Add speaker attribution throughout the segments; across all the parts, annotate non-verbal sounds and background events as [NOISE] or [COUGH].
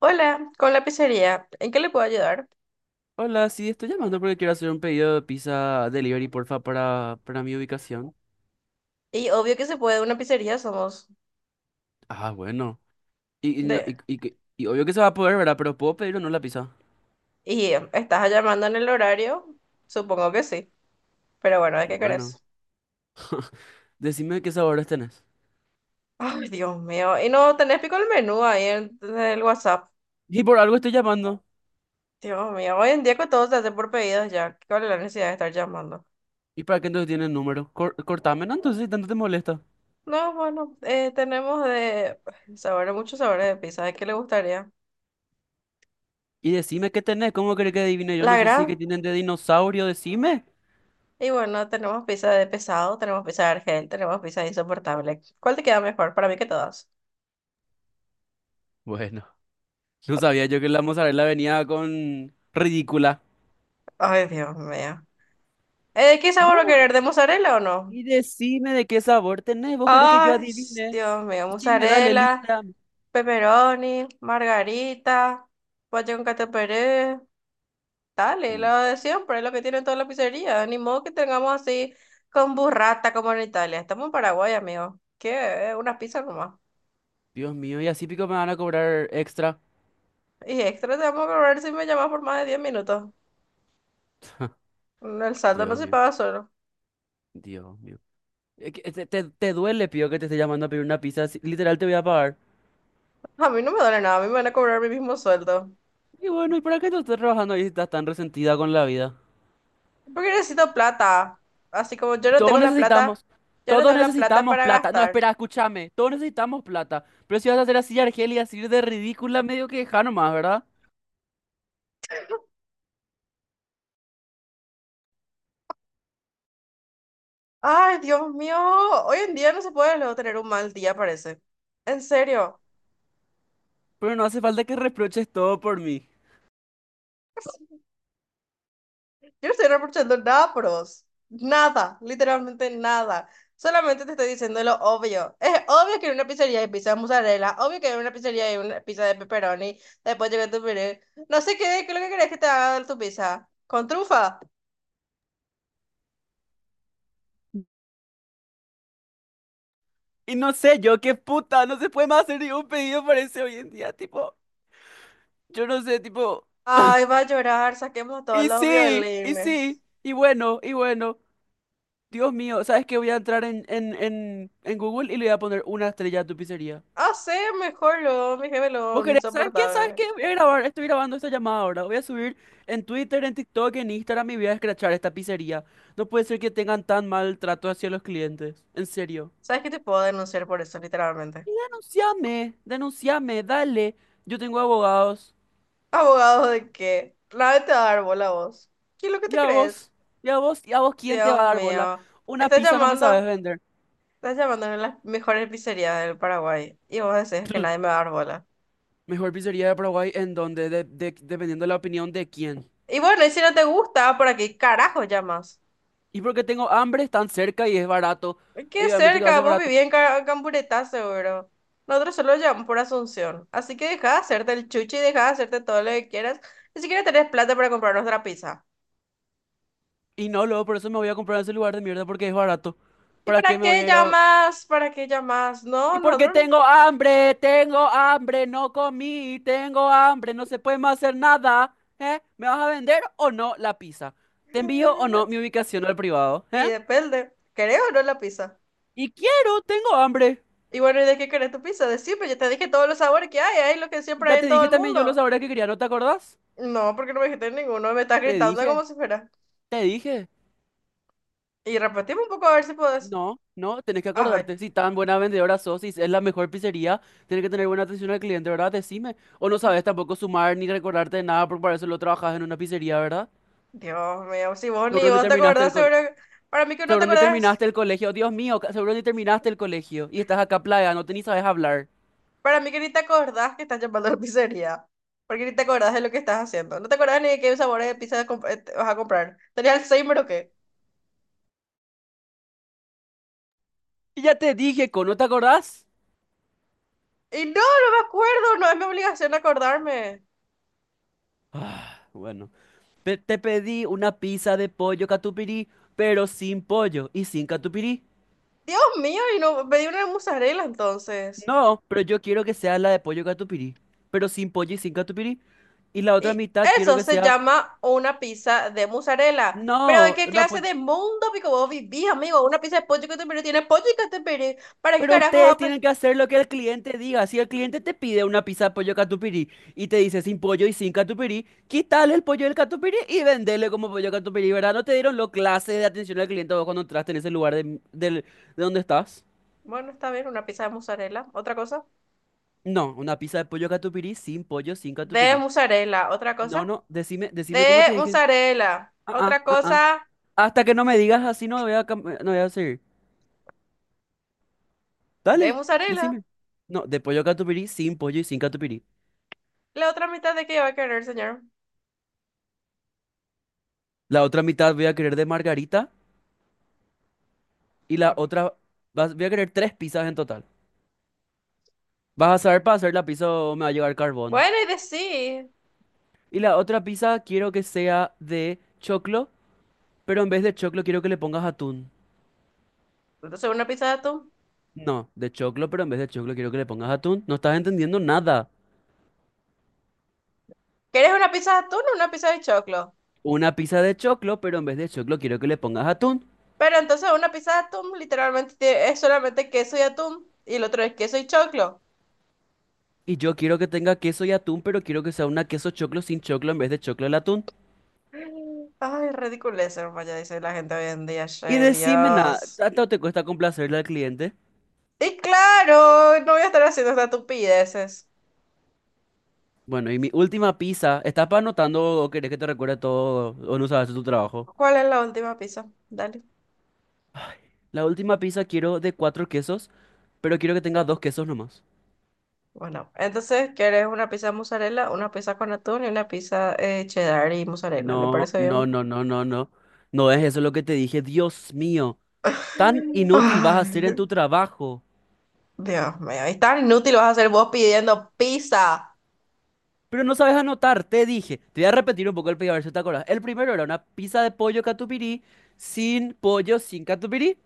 Speaker 1: Hola, con la pizzería, ¿en qué le puedo ayudar?
Speaker 2: Hola, sí, estoy llamando porque quiero hacer un pedido de pizza delivery, porfa, para mi ubicación.
Speaker 1: Y obvio que se puede, una pizzería somos
Speaker 2: Ah, bueno. Y, y, no-
Speaker 1: de...
Speaker 2: y, y que- y obvio que se va a poder, ¿verdad? Pero ¿puedo pedir o no la pizza?
Speaker 1: ¿Y estás llamando en el horario? Supongo que sí, pero bueno, ¿de
Speaker 2: Y
Speaker 1: qué
Speaker 2: bueno,
Speaker 1: querés?
Speaker 2: [LAUGHS] decime qué sabores tenés.
Speaker 1: Ay, Dios mío, y no tenés pico el menú ahí en el WhatsApp.
Speaker 2: Y por algo estoy llamando.
Speaker 1: Dios mío, hoy en día que todo se hace por pedidos ya, ¿cuál es la necesidad de estar llamando?
Speaker 2: ¿Y para qué entonces tienen número? Cortame, ¿no? Entonces, si tanto te molesta.
Speaker 1: No, bueno, tenemos de [SIGHS] sabores, muchos sabores de pizza, ¿de qué le gustaría?
Speaker 2: Y decime qué tenés, ¿cómo querés que adivine? Yo no
Speaker 1: La
Speaker 2: sé si es
Speaker 1: gran,
Speaker 2: que tienen de dinosaurio, decime.
Speaker 1: y bueno, tenemos pizza de pesado, tenemos pizza de argel, tenemos pizza de insoportable. ¿Cuál te queda mejor? Para mí que todas.
Speaker 2: Bueno, [LAUGHS] no sabía yo que la mozzarella venía con ridícula.
Speaker 1: Ay, Dios mío. ¿Qué
Speaker 2: No.
Speaker 1: sabor va a querer? ¿De mozzarella o no?
Speaker 2: Y decime de qué sabor tenés. ¿Vos querés que yo
Speaker 1: Ay,
Speaker 2: adivine?
Speaker 1: Dios mío.
Speaker 2: Decime, dale,
Speaker 1: Mozzarella,
Speaker 2: lista.
Speaker 1: pepperoni, margarita, guayón cato pérez. Dale,
Speaker 2: Mm,
Speaker 1: lo de siempre, lo que tienen todas las pizzerías. Ni modo que tengamos así con burrata como en Italia. Estamos en Paraguay, amigo. ¿Qué? Unas pizzas nomás.
Speaker 2: Dios mío, y así pico me van a cobrar extra.
Speaker 1: Y extra te vamos a cobrar si me llamas por más de 10 minutos.
Speaker 2: [LAUGHS]
Speaker 1: El saldo no
Speaker 2: Dios
Speaker 1: se
Speaker 2: mío,
Speaker 1: paga solo.
Speaker 2: Dios mío. Te duele, pío, que te esté llamando a pedir una pizza. Literal, te voy a pagar.
Speaker 1: A mí no me duele nada, a mí me van a cobrar mi mismo sueldo.
Speaker 2: Y bueno, ¿y para qué tú estás trabajando ahí si estás tan resentida con la vida?
Speaker 1: Porque necesito plata. Así como yo
Speaker 2: Y
Speaker 1: no
Speaker 2: todos
Speaker 1: tengo la plata,
Speaker 2: necesitamos,
Speaker 1: yo no
Speaker 2: Todos
Speaker 1: tengo la plata
Speaker 2: necesitamos
Speaker 1: para
Speaker 2: plata. No,
Speaker 1: gastar.
Speaker 2: espera, escúchame. Todos necesitamos plata. Pero si vas a hacer así, Argelia, así de ridícula, medio que deja nomás, ¿verdad?
Speaker 1: Ay, Dios mío, hoy en día no se puede luego tener un mal día, parece. En serio,
Speaker 2: Pero no hace falta que reproches todo por mí.
Speaker 1: yo no estoy reprochando nada, pros. Nada, literalmente nada. Solamente te estoy diciendo lo obvio. Es obvio que en una pizzería hay pizza de mozzarella, obvio que en una pizzería hay una pizza de pepperoni, después llega tu pizzería. No sé qué es lo que querés que te haga tu pizza. ¿Con trufa?
Speaker 2: Y no sé, yo qué puta, no se puede más hacer ningún pedido, parece hoy en día, tipo, yo no sé, tipo,
Speaker 1: Ay, va a llorar, saquemos a todos los violines.
Speaker 2: y bueno, Dios mío, ¿sabes qué? Voy a entrar en Google y le voy a poner una estrella a tu pizzería.
Speaker 1: Hacer mejor lo, mi jefe
Speaker 2: ¿Vos
Speaker 1: lo
Speaker 2: querés? ¿Sabes qué? ¿Sabes
Speaker 1: insoportable.
Speaker 2: qué? Voy a grabar, estoy grabando esta llamada ahora, voy a subir en Twitter, en TikTok, en Instagram y voy a escrachar esta pizzería. No puede ser que tengan tan mal trato hacia los clientes, en serio.
Speaker 1: ¿Sabes qué te puedo denunciar por eso, literalmente?
Speaker 2: Denunciame, denunciame, dale, yo tengo abogados.
Speaker 1: ¿Abogado de qué? Nadie te va a dar bola a vos. ¿Qué es lo que te
Speaker 2: Ya
Speaker 1: crees?
Speaker 2: vos, ya vos, ¿quién te va
Speaker 1: Dios
Speaker 2: a dar bola?
Speaker 1: mío.
Speaker 2: Una
Speaker 1: Estás
Speaker 2: pizza no me sabes
Speaker 1: llamando,
Speaker 2: vender.
Speaker 1: estás llamando a una de las mejores pizzerías del Paraguay y vos decís que nadie
Speaker 2: [CLEARS THROAT]
Speaker 1: me va a dar bola.
Speaker 2: Mejor pizzería de Paraguay, ¿en donde dependiendo de la opinión de quién?
Speaker 1: Y bueno, y si no te gusta, ¿para qué carajo llamas?
Speaker 2: Y porque tengo hambre, están cerca y es barato.
Speaker 1: Qué
Speaker 2: Obviamente que va a
Speaker 1: cerca,
Speaker 2: ser
Speaker 1: vos
Speaker 2: barato.
Speaker 1: vivís en Ca- Camburetá, seguro. Nosotros solo llamamos por Asunción. Así que deja de hacerte el chuchi y deja de hacerte todo lo que quieras. Ni siquiera tenés plata para comprar nuestra pizza.
Speaker 2: Y no, luego por eso me voy a comprar en ese lugar de mierda porque es barato.
Speaker 1: ¿Y
Speaker 2: ¿Para
Speaker 1: para
Speaker 2: qué me voy
Speaker 1: qué
Speaker 2: a ir a...?
Speaker 1: llamas? ¿Para qué llamas? No,
Speaker 2: Y
Speaker 1: no
Speaker 2: porque
Speaker 1: nosotros.
Speaker 2: tengo hambre, no comí, tengo hambre, no se puede más hacer nada. ¿Eh? ¿Me vas a vender o no la pizza? ¿Te envío o no mi ubicación al privado?
Speaker 1: Y
Speaker 2: ¿Eh?
Speaker 1: depende. ¿Querés o no la pizza?
Speaker 2: Y quiero, tengo hambre.
Speaker 1: Y bueno, ¿y de qué querés tu pizza? Decime, ya te dije todos los sabores que hay lo que siempre
Speaker 2: Ya
Speaker 1: hay
Speaker 2: te
Speaker 1: en todo
Speaker 2: dije
Speaker 1: el
Speaker 2: también yo los
Speaker 1: mundo.
Speaker 2: sabores que quería, ¿no te acordás?
Speaker 1: No, porque no me dijiste ninguno, me estás
Speaker 2: Te
Speaker 1: gritando
Speaker 2: dije,
Speaker 1: como si fuera.
Speaker 2: Te dije.
Speaker 1: Y repetimos un poco a ver si podés.
Speaker 2: No, no, tenés que
Speaker 1: Ay,
Speaker 2: acordarte. Si tan buena vendedora sos, si es la mejor pizzería, tenés que tener buena atención al cliente, ¿verdad? Decime. O no sabes tampoco sumar ni recordarte de nada, porque para eso lo trabajas en una pizzería, ¿verdad?
Speaker 1: Dios mío, si vos ni
Speaker 2: Seguro ni
Speaker 1: vos te
Speaker 2: terminaste
Speaker 1: acordás,
Speaker 2: el col-
Speaker 1: seguro. Que- Para mí que no te
Speaker 2: Seguro ni
Speaker 1: acordás,
Speaker 2: terminaste el colegio. Dios mío, seguro ni terminaste el colegio. Y estás acá plagándote ni sabes hablar.
Speaker 1: para mí que ni te acordás que estás llamando a la pizzería. Porque ni te acordás de lo que estás haciendo. No te acordás ni de qué sabores de pizza comp- te vas a comprar. ¿Tenías Alzheimer o qué?
Speaker 2: Y ya te dije, ¿con no te acordás?
Speaker 1: Y no, no me acuerdo, no es mi obligación acordarme.
Speaker 2: Ah, bueno. Te pedí una pizza de pollo catupirí, pero sin pollo y sin catupirí.
Speaker 1: Dios mío, y no pedí una de mozzarella entonces.
Speaker 2: No, pero yo quiero que sea la de pollo catupirí, pero sin pollo y sin catupirí. Y la otra
Speaker 1: Y
Speaker 2: mitad quiero
Speaker 1: eso
Speaker 2: que
Speaker 1: se
Speaker 2: sea,
Speaker 1: llama una pizza de mozzarella. Pero ¿de
Speaker 2: no,
Speaker 1: qué
Speaker 2: una
Speaker 1: clase
Speaker 2: pollo.
Speaker 1: de mundo pico vos vivís, amigo? Una pizza de pollo que catupiry tiene pollo y catupiry. ¿Para qué
Speaker 2: Pero
Speaker 1: carajos
Speaker 2: ustedes
Speaker 1: ape?
Speaker 2: tienen que hacer lo que el cliente diga. Si el cliente te pide una pizza de pollo catupirí y te dice sin pollo y sin catupirí, quítale el pollo del catupirí y vendele como pollo catupirí, ¿verdad? ¿No te dieron lo clase de atención al cliente vos cuando entraste en ese lugar de donde estás?
Speaker 1: Bueno, está bien, una pizza de mozzarella. ¿Otra cosa?
Speaker 2: No, una pizza de pollo catupirí sin pollo, sin
Speaker 1: De
Speaker 2: catupirí.
Speaker 1: mozzarella. ¿Otra
Speaker 2: No,
Speaker 1: cosa?
Speaker 2: no, decime cómo te
Speaker 1: De
Speaker 2: dije.
Speaker 1: mozzarella.
Speaker 2: Ah, ah,
Speaker 1: ¿Otra
Speaker 2: ah, ah.
Speaker 1: cosa?
Speaker 2: Hasta que no me digas así, no voy a, no voy a seguir.
Speaker 1: De
Speaker 2: Dale,
Speaker 1: mozzarella.
Speaker 2: decime. No, de pollo catupirí, sin pollo y sin catupirí.
Speaker 1: ¿La otra mitad de qué va a querer, señor?
Speaker 2: La otra mitad voy a querer de margarita y la
Speaker 1: Ok.
Speaker 2: otra... Voy a querer tres pizzas en total. ¿Vas a saber para hacer la pizza o me va a llegar carbón?
Speaker 1: Bueno, y de sí.
Speaker 2: Y la otra pizza quiero que sea de choclo, pero en vez de choclo quiero que le pongas atún.
Speaker 1: Entonces, una pizza de atún.
Speaker 2: No, de choclo, pero en vez de choclo quiero que le pongas atún. No estás entendiendo nada.
Speaker 1: ¿Quieres una pizza de atún o una pizza de choclo?
Speaker 2: Una pizza de choclo, pero en vez de choclo quiero que le pongas atún.
Speaker 1: Pero entonces una pizza de atún literalmente tie- es solamente queso y atún y el otro es queso y choclo.
Speaker 2: Y yo quiero que tenga queso y atún, pero quiero que sea una queso choclo sin choclo en vez de choclo al atún.
Speaker 1: Ay, ridiculez, hermano, ya dice la gente hoy en día,
Speaker 2: Y
Speaker 1: che,
Speaker 2: decime nada,
Speaker 1: Dios.
Speaker 2: ¿tanto te cuesta complacerle al cliente?
Speaker 1: Y claro, no voy a estar haciendo estas estupideces.
Speaker 2: Bueno, y mi última pizza, ¿estás pa' anotando o querés que te recuerde todo o no sabes tu trabajo?
Speaker 1: ¿Cuál es la última pizza? Dale.
Speaker 2: La última pizza quiero de cuatro quesos, pero quiero que tenga dos quesos nomás.
Speaker 1: Bueno, entonces, ¿quieres una pizza de mozzarella, una pizza con atún y una pizza cheddar y mozzarella? ¿Le
Speaker 2: No,
Speaker 1: parece
Speaker 2: no,
Speaker 1: bien?
Speaker 2: no, no, no, no. No es eso lo que te dije, Dios mío. Tan inútil vas a
Speaker 1: Ay,
Speaker 2: ser en tu trabajo.
Speaker 1: Dios mío, es tan inútil vas a ser vos pidiendo pizza.
Speaker 2: Pero no sabes anotar, te dije. Te voy a repetir un poco el pedido a ver si te acordás. El primero era una pizza de pollo catupirí sin pollo, sin catupirí.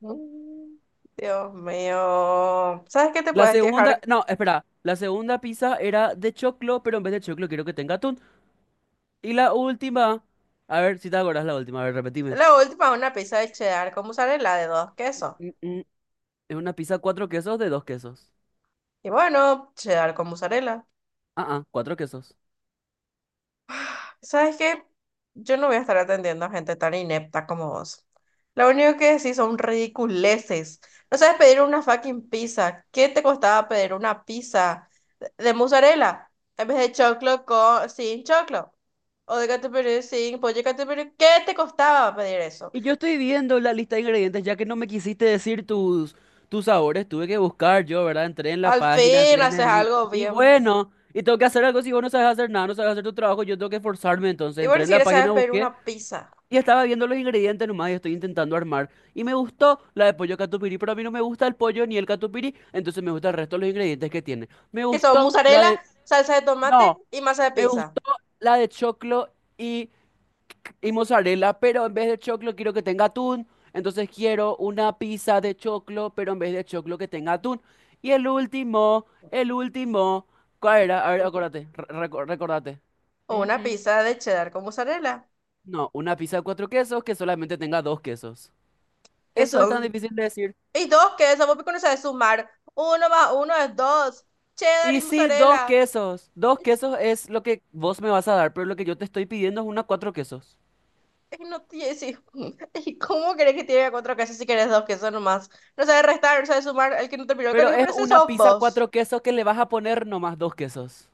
Speaker 1: Mm, Dios mío. ¿Sabes qué te
Speaker 2: La
Speaker 1: puedes
Speaker 2: segunda,
Speaker 1: quejar?
Speaker 2: no, espera. La segunda pizza era de choclo, pero en vez de choclo quiero que tenga atún. Y la última, a ver si te acordás la última, a ver, repetime.
Speaker 1: La última una pizza de cheddar con mozzarella de dos quesos.
Speaker 2: Mm, mm, Es una pizza cuatro quesos de dos quesos.
Speaker 1: Y bueno, cheddar con mozzarella.
Speaker 2: Ah, ah, cuatro quesos.
Speaker 1: ¿Sabes qué? Yo no voy a estar atendiendo a gente tan inepta como vos. Lo único que decís son ridiculeces. No sabes pedir una fucking pizza. ¿Qué te costaba pedir una pizza de mozzarella en vez de choclo sin choclo? O de catupiry sin pollo catupiry. ¿Qué te costaba pedir eso?
Speaker 2: Y yo estoy viendo la lista de ingredientes, ya que no me quisiste decir tus sabores, tuve que buscar yo, ¿verdad? Entré en la
Speaker 1: Al
Speaker 2: página,
Speaker 1: fin
Speaker 2: entré en
Speaker 1: haces
Speaker 2: el link.
Speaker 1: algo
Speaker 2: Y
Speaker 1: bien.
Speaker 2: bueno, y tengo que hacer algo, si vos no sabes hacer nada, no sabes hacer tu trabajo, yo tengo que esforzarme. Entonces
Speaker 1: Y bueno,
Speaker 2: entré en
Speaker 1: si
Speaker 2: la
Speaker 1: quieres sabes
Speaker 2: página,
Speaker 1: pedir
Speaker 2: busqué
Speaker 1: una pizza.
Speaker 2: y estaba viendo los ingredientes nomás y estoy intentando armar. Y me gustó la de pollo catupiry, pero a mí no me gusta el pollo ni el catupiry, entonces me gusta el resto de los ingredientes que tiene. Me
Speaker 1: Que son
Speaker 2: gustó la
Speaker 1: mozzarella,
Speaker 2: de...
Speaker 1: salsa de tomate
Speaker 2: No,
Speaker 1: y masa de
Speaker 2: me
Speaker 1: pizza.
Speaker 2: gustó la de choclo y y mozzarella, pero en vez de choclo quiero que tenga atún. Entonces quiero una pizza de choclo, pero en vez de choclo que tenga atún. El último, ¿cuál era? A ver,
Speaker 1: [LAUGHS]
Speaker 2: acuérdate, recordate.
Speaker 1: O una
Speaker 2: Ujú.
Speaker 1: pizza de cheddar con mozzarella.
Speaker 2: No, una pizza de cuatro quesos que solamente tenga dos quesos.
Speaker 1: Que
Speaker 2: Eso es tan
Speaker 1: son.
Speaker 2: difícil de decir.
Speaker 1: Y dos, que eso vos no sabes sumar. Uno más uno es dos. Cheddar
Speaker 2: Y
Speaker 1: y
Speaker 2: sí, dos
Speaker 1: mozzarella.
Speaker 2: quesos. Dos
Speaker 1: [LAUGHS]
Speaker 2: quesos es lo que vos me vas a dar, pero lo que yo te estoy pidiendo es una cuatro quesos.
Speaker 1: Y no tiene. Sí. [LAUGHS] ¿Y cómo crees que tiene cuatro quesos si querés dos quesos nomás? No sabes restar, no sabes sumar. El que no terminó el
Speaker 2: Pero
Speaker 1: colegio,
Speaker 2: es
Speaker 1: pero ese
Speaker 2: una
Speaker 1: sos
Speaker 2: pizza
Speaker 1: vos.
Speaker 2: cuatro quesos que le vas a poner nomás dos quesos.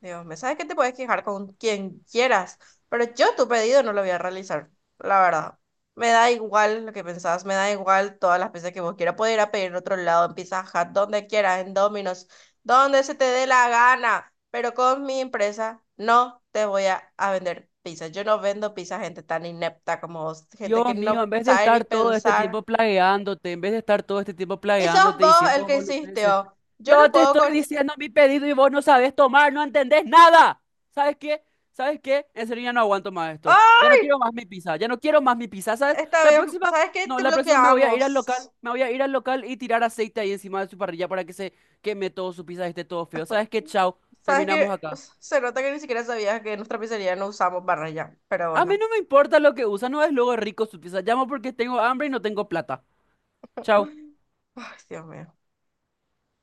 Speaker 1: Dios me sabes que te puedes quejar con quien quieras, pero yo tu pedido no lo voy a realizar, la verdad. Me da igual lo que pensás, me da igual todas las veces que vos quieras. Puedes ir a pedir en otro lado, en Pizza Hut, donde quieras, en Domino's, donde se te dé la gana, pero con mi empresa no te voy a vender pizza. Yo no vendo pizza a gente tan inepta como vos, gente que
Speaker 2: Dios mío,
Speaker 1: no
Speaker 2: en vez de
Speaker 1: sabe ni
Speaker 2: estar todo este
Speaker 1: pensar.
Speaker 2: tiempo plagueándote, en vez de estar todo este tiempo
Speaker 1: Y sos
Speaker 2: plagueándote
Speaker 1: vos el
Speaker 2: diciendo
Speaker 1: que
Speaker 2: boludeces,
Speaker 1: insistió. Yo no
Speaker 2: yo te
Speaker 1: puedo
Speaker 2: estoy
Speaker 1: cortar.
Speaker 2: diciendo mi pedido y vos no sabes tomar, no entendés nada. ¿Sabes qué? ¿Sabes qué? En serio ya no aguanto más esto.
Speaker 1: ¡Ah!
Speaker 2: Ya no quiero más mi pizza, ¿sabes?
Speaker 1: Está
Speaker 2: La
Speaker 1: bien,
Speaker 2: próxima,
Speaker 1: ¿sabes qué?
Speaker 2: no,
Speaker 1: Te
Speaker 2: la próxima me voy a ir al local,
Speaker 1: bloqueamos.
Speaker 2: me voy a ir al local y tirar aceite ahí encima de su parrilla para que se queme todo su pizza y esté todo feo. ¿Sabes qué? Chao,
Speaker 1: Sabes
Speaker 2: terminamos
Speaker 1: que
Speaker 2: acá.
Speaker 1: se nota que ni siquiera sabías que en nuestra pizzería no usamos barra ya, pero
Speaker 2: A mí
Speaker 1: bueno.
Speaker 2: no me importa lo que usa, no es luego rico su pizza. Llamo porque tengo hambre y no tengo plata. Chao.
Speaker 1: Ay, Dios mío.